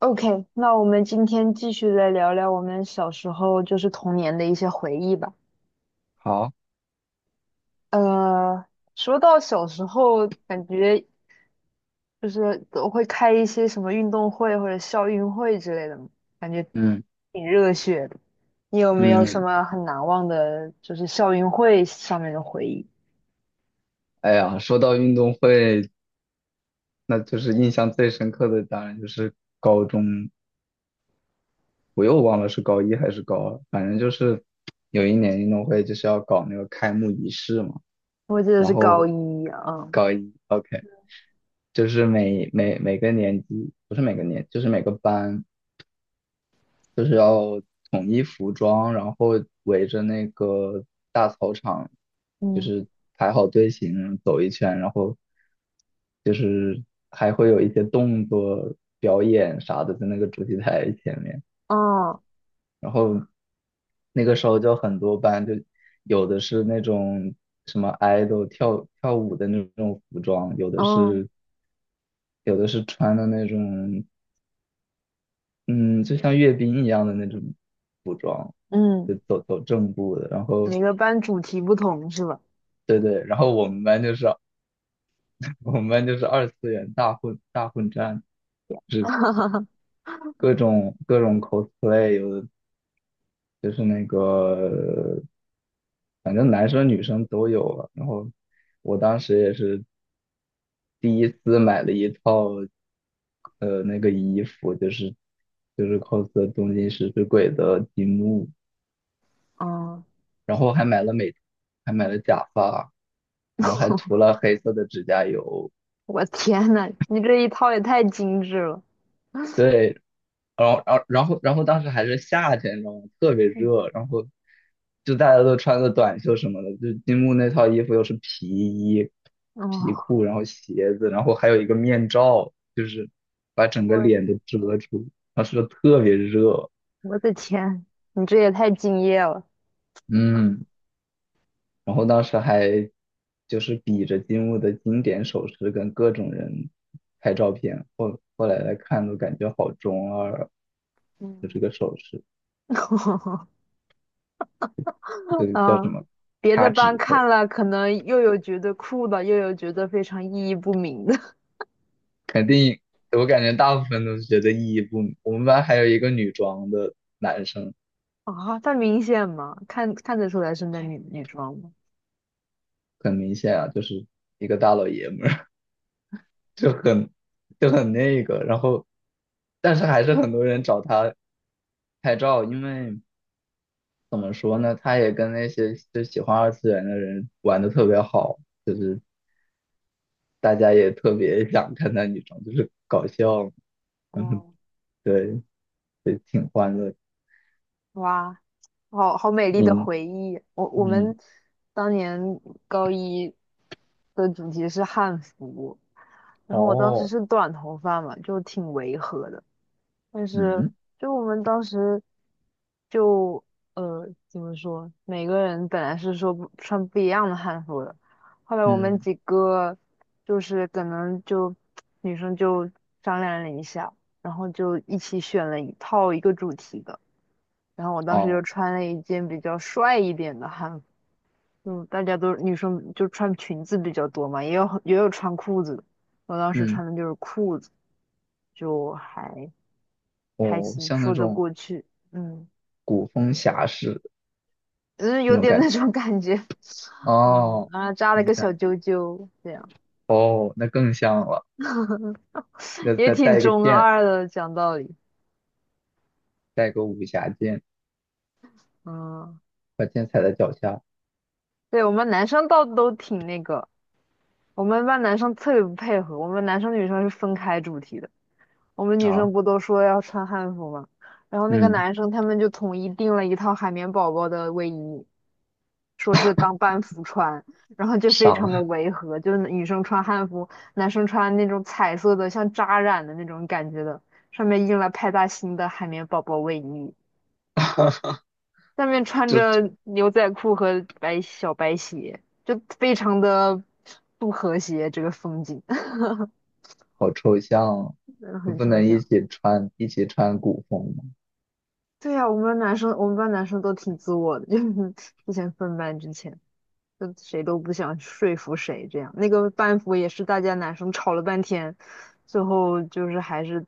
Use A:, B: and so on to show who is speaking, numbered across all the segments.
A: OK，那我们今天继续来聊聊我们小时候就是童年的一些回忆吧。
B: 好，
A: 呃，说到小时候，感觉就是都会开一些什么运动会或者校运会之类的嘛，感觉
B: 嗯
A: 挺热血的。你有没有什
B: 嗯，
A: 么很难忘的，就是校运会上面的回忆？
B: 哎呀，说到运动会，那就是印象最深刻的，当然就是高中，我又忘了是高一还是高二，反正就是有一年运动会就是要搞那个开幕仪式嘛，
A: 我记得
B: 然
A: 是
B: 后
A: 高一啊。
B: 高一，OK，就是每个年级，不是每个年，就是每个班，就是要统一服装，然后围着那个大操场，就
A: 嗯
B: 是排好队形走一圈，然后就是还会有一些动作表演啥的在那个主席台前面。
A: 嗯
B: 然后那个时候就很多班，就有的是那种什么 idol 跳跳舞的那种服装，有的
A: 嗯
B: 是有的是穿的那种嗯，就像阅兵一样的那种服装，就
A: 嗯。
B: 走走正步的。然后，
A: 每个班主题不同是吧？
B: 对对，然后我们班就是 我们班就是二次元大混战，就是 各种各种 cosplay，有的就是那个，反正男生女生都有了。然后我当时也是第一次买了一套那个衣服，就是 cos 东京食尸鬼的金木。
A: 嗯
B: 然后还买了假发，然后还涂了黑色的指甲油。
A: 我天呐，你这一套也太精致了。
B: 对，然后当时还是夏天，你知道吗？特别
A: 嗯，
B: 热，然后就大家都穿着短袖什么的，就金木那套衣服又是皮衣、皮
A: 哦，
B: 裤，然后鞋子，然后还有一个面罩，就是把整个
A: 我
B: 脸都遮住，当时特别热，
A: 我的天，你这也太敬业了。
B: 嗯。然后当时还就是比着金木的经典手势跟各种人拍照片，后来看都感觉好中二啊，就这
A: 嗯，
B: 个手势，就叫什
A: 啊，
B: 么
A: 别的
B: 掐
A: 班
B: 指头，
A: 看了可能又有觉得酷的，又有觉得非常意义不明的。
B: 肯定我感觉大部分都是觉得意义不明。我们班还有一个女装的男生，
A: 啊，它明显吗？看得出来是那女装吗？
B: 很明显啊，就是一个大老爷们儿，就很就很那个，然后但是还是很多人找他拍照，因为。怎么说呢？他也跟那些就喜欢二次元的人玩的特别好，就是大家也特别想看他女装，就是搞笑，嗯，
A: 哦，
B: 对，对，挺欢乐。
A: 哇，好美丽的
B: 嗯
A: 回忆。我我
B: 嗯，
A: 们当年高一的主题是汉服，然后我当时
B: 哦，
A: 是短头发嘛，就挺违和的。但是
B: 嗯
A: 就我们当时就怎么说，每个人本来是说不穿不一样的汉服的，后来我们
B: 嗯
A: 几个就是可能就女生就商量了一下，然后就一起选了一套一个主题的，然后我当时就
B: 哦
A: 穿了一件比较帅一点的汉服。嗯，大家都女生就穿裙子比较多嘛，也有穿裤子的，我当时
B: 嗯
A: 穿的就是裤子，就还。还
B: 哦，
A: 行，
B: 像那
A: 说得
B: 种
A: 过去，嗯，
B: 古风侠士
A: 只是
B: 那
A: 有
B: 种
A: 点
B: 感
A: 那
B: 觉。
A: 种感觉。 嗯，
B: 哦，
A: 然后扎了
B: 你
A: 个小
B: 想
A: 揪揪，这样
B: 哦，那更像了，要
A: 也
B: 再
A: 挺
B: 带一个
A: 中
B: 剑，
A: 二的，讲道理。
B: 带个武侠剑，
A: 嗯，
B: 把剑踩在脚下
A: 对，我们男生倒都挺那个，我们班男生特别不配合，我们男生女生是分开主题的，我们女生
B: 啊，
A: 不都说要穿汉服吗？然后那个
B: 嗯，
A: 男生他们就统一订了一套海绵宝宝的卫衣，说是当班服穿，然后就非常的
B: 傻。
A: 违和，就是女生穿汉服，男生穿那种彩色的像扎染的那种感觉的，上面印了派大星的海绵宝宝卫衣，下面穿 着牛仔裤和小白鞋，就非常的不和谐这个风景。
B: 好抽象哦，
A: 真的
B: 就
A: 很
B: 不
A: 抽
B: 能一
A: 象。
B: 起穿一起穿古风吗？
A: 对呀、我们班男生都挺自我的，就是之前分班之前，就谁都不想说服谁这样。那个班服也是大家男生吵了半天，最后就是还是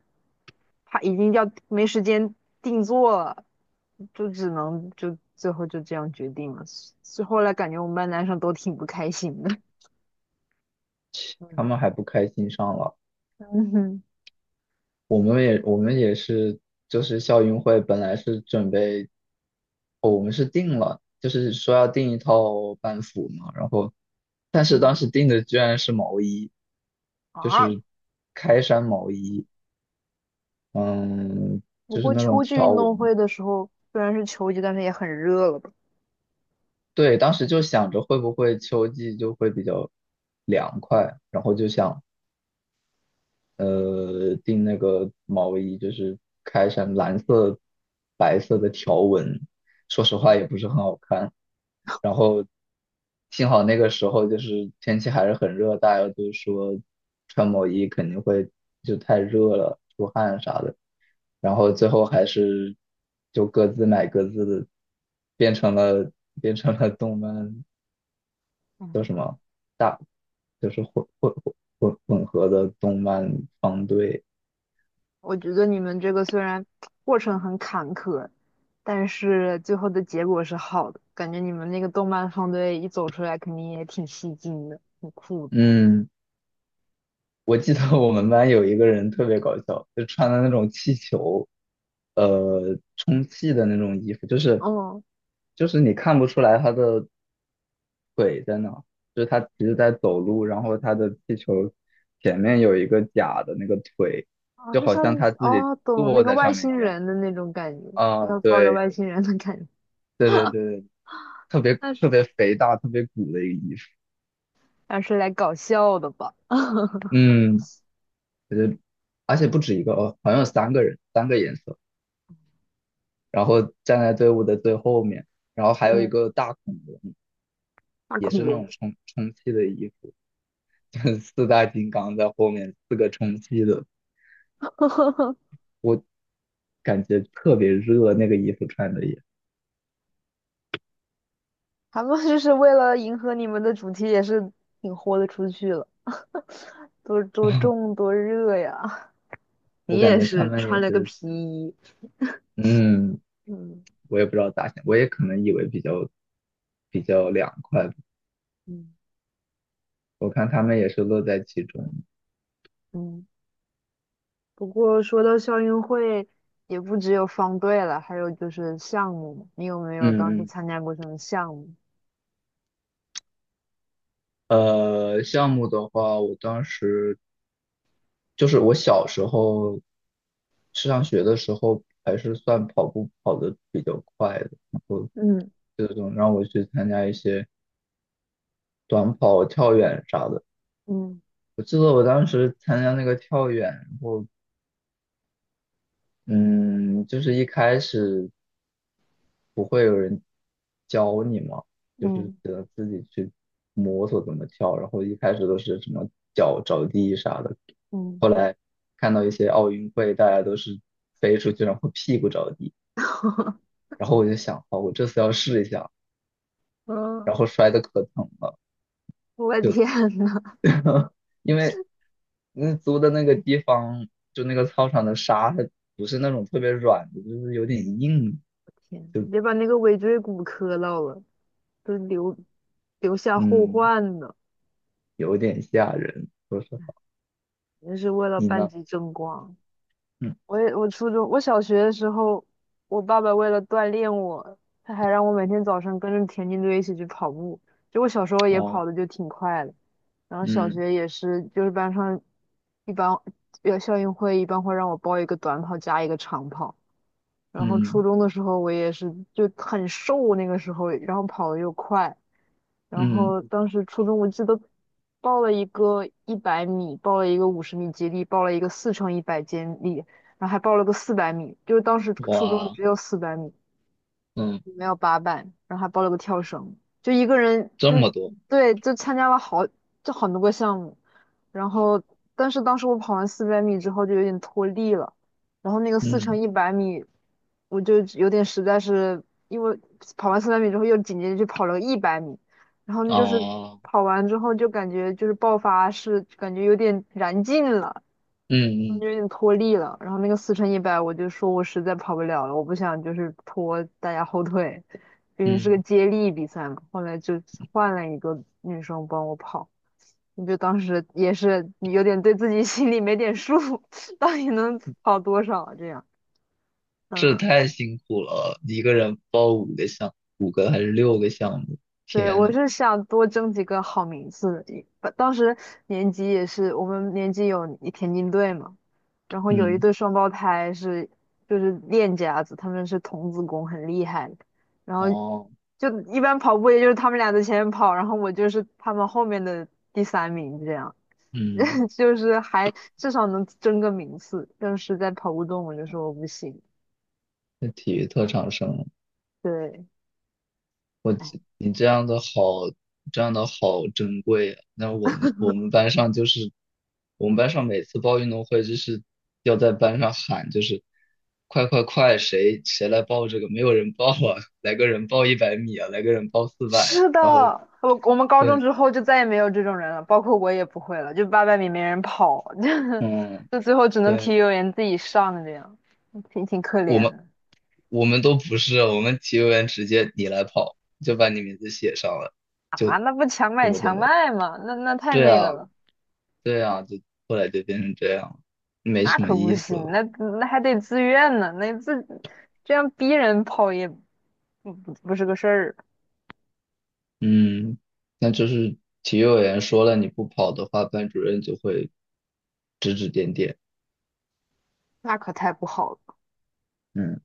A: 他已经要没时间定做了，就只能就最后就这样决定了。所以后来感觉我们班男生都挺不开心的。
B: 他
A: 嗯
B: 们还不开心上了，
A: 嗯哼
B: 我们也是，就是校运会本来是准备，哦我们是定了，就是说要定一套班服嘛，然后但是当
A: 嗯
B: 时定的居然是毛衣，就
A: 啊，
B: 是开衫毛衣，嗯，
A: 不
B: 就是
A: 过
B: 那种
A: 秋季
B: 条
A: 运动
B: 纹。
A: 会的时候虽然是秋季，但是也很热了吧？
B: 对，当时就想着会不会秋季就会比较凉快，然后就想订那个毛衣，就是开成蓝色、白色的条纹，说实话
A: 嗯，
B: 也不是很好看。然后幸好那个时候就是天气还是很热，大家都说穿毛衣肯定会就太热了，出汗啥的。然后最后还是就各自买各自的，变成了变成了动漫叫什么大，就是混合的动漫方队。
A: 我觉得你们这个虽然过程很坎坷，但是最后的结果是好的。感觉你们那个动漫方队一走出来，肯定也挺吸睛的，很酷的。
B: 嗯，我记得我们班有一个人特别搞笑，就穿的那种气球，充气的那种衣服，就是
A: 哦，
B: 就是你看不出来他的腿在哪，就是他其实在走路，然后他的气球前面有一个假的那个腿，
A: 哦，
B: 就
A: 是
B: 好
A: 像
B: 像他自己
A: 哦，懂那
B: 坐
A: 个
B: 在
A: 外
B: 上面
A: 星
B: 一样。
A: 人的那种感觉，
B: 啊，
A: 要抱着
B: 对
A: 外星人的感觉。
B: 对对对，特别
A: 那是
B: 特别肥大、特别鼓的一个衣服。
A: 那是来搞笑的吧？
B: 嗯，我觉得而且不止一个哦，好像有三个人，三个颜色。然后站在队伍的最后面，然后还有一
A: 嗯，
B: 个大恐龙，
A: 大
B: 也
A: 恐
B: 是那
A: 龙，
B: 种充气的衣服，四大金刚在后面，四个充气的，我感觉特别热，那个衣服穿的也，
A: 他们就是为了迎合你们的主题，也是挺豁得出去了，多 重多热呀。
B: 我
A: 你
B: 感
A: 也
B: 觉他
A: 是
B: 们也
A: 穿了个
B: 是，
A: 皮衣。
B: 嗯，
A: 嗯
B: 我也不知道咋想，我也可能以为比较凉快，
A: 嗯
B: 我看他们也是乐在其中，
A: 嗯，不过说到校运会，也不只有方队了，还有就是项目嘛。你有没有当
B: 嗯
A: 时
B: 嗯。
A: 参加过什么项目？
B: 项目的话，我当时就是我小时候去上学的时候，还是算跑步跑得比较快的，然后
A: 嗯
B: 这种让我去参加一些短跑、跳远啥的。
A: 嗯
B: 我记得我当时参加那个跳远，然后嗯，就是一开始不会有人教你嘛，就是
A: 嗯
B: 只能自己去摸索怎么跳，然后一开始都是什么脚着地啥的，
A: 嗯。
B: 后来看到一些奥运会，大家都是飞出去，然后屁股着地。然后我就想，好，我这次要试一下，
A: 嗯，
B: 然后摔的可疼了，
A: 我天
B: 就
A: 呐，
B: 因为那租的那个地方，就那个操场的沙，它不是那种特别软的，就是有点硬，
A: 天，别把那个尾椎骨磕到了，都留下后
B: 嗯，
A: 患呢。
B: 有点吓人。说实话，
A: 那是为了
B: 你
A: 班
B: 呢？
A: 级争光。
B: 嗯，
A: 我也我初中我小学的时候，我爸爸为了锻炼我，他还让我每天早上跟着田径队一起去跑步。就我小时候也
B: 哦，
A: 跑的就挺快的，然后小
B: 嗯
A: 学也是，就是班上一般要校运会一般会让我报一个短跑加一个长跑。然后初
B: 嗯
A: 中的时候我也是就很瘦那个时候，然后跑的又快。然
B: 嗯，
A: 后当时初中我记得报了一个一百米，报了一个50米接力，报了一个四乘一百接力，然后还报了个四百米，就是当时初中
B: 哇，
A: 只有四百米，
B: 嗯，
A: 没有八百，然后还报了个跳绳，就一个人
B: 这
A: 就
B: 么多，
A: 对，就参加了好就很多个项目。然后但是当时我跑完四百米之后就有点脱力了，然后那个四乘
B: 嗯，
A: 一百米，我就有点实在是因为跑完四百米之后又紧接着去跑了个一百米，然后就是
B: 哦，
A: 跑完之后就感觉就是爆发是感觉有点燃尽了，
B: 嗯嗯
A: 就有点脱力了。然后那个四乘一百，我就说我实在跑不了了，我不想就是拖大家后腿，毕竟是个
B: 嗯，
A: 接力比赛嘛。后来就换了一个女生帮我跑，我就当时也是有点对自己 心里没点数，到底能跑多少啊这样。
B: 这
A: 嗯，
B: 太辛苦了，一个人报五个项，五个还是六个项目？
A: 对，
B: 天
A: 我
B: 呐，
A: 是想多争几个好名次。当时年级也是我们年级有田径队嘛。然后有一
B: 嗯，
A: 对双胞胎是就是练家子，他们是童子功，很厉害。然后
B: 哦。
A: 就一般跑步，也就是他们俩在前面跑，然后我就是他们后面的第三名，这样
B: 嗯，
A: 就是还至少能争个名次。但是在跑步中，我就说我不行。
B: 那体育特长生，
A: 对，哎，
B: 你这样的好，这样的好珍贵啊。那我们班上就是，我们班上每次报运动会就是要在班上喊，就是快快快，谁来报这个？没有人报啊，来个人报100米啊，来个人报400啊。
A: 是的，
B: 然后
A: 我们高中
B: 对，
A: 之后就再也没有这种人了，包括我也不会了，就800米没人跑，
B: 嗯，
A: 就最后只能体
B: 对，
A: 育委员自己上这样，挺可
B: 我
A: 怜
B: 们
A: 的。
B: 我们都不是，我们体育员直接你来跑，就把你名字写上了，
A: 啊，
B: 就
A: 那不强
B: 怎
A: 买
B: 么怎
A: 强
B: 么。
A: 卖吗？那太
B: 对
A: 那个
B: 啊，
A: 了，
B: 对啊，就后来就变成这样，没
A: 那
B: 什么
A: 可不
B: 意思
A: 行，
B: 了。
A: 那还得自愿呢，这样逼人跑也不是个事儿啊，
B: 嗯，那就是体育委员说了，你不跑的话，班主任就会指指点点。
A: 那可太不好了。
B: 嗯。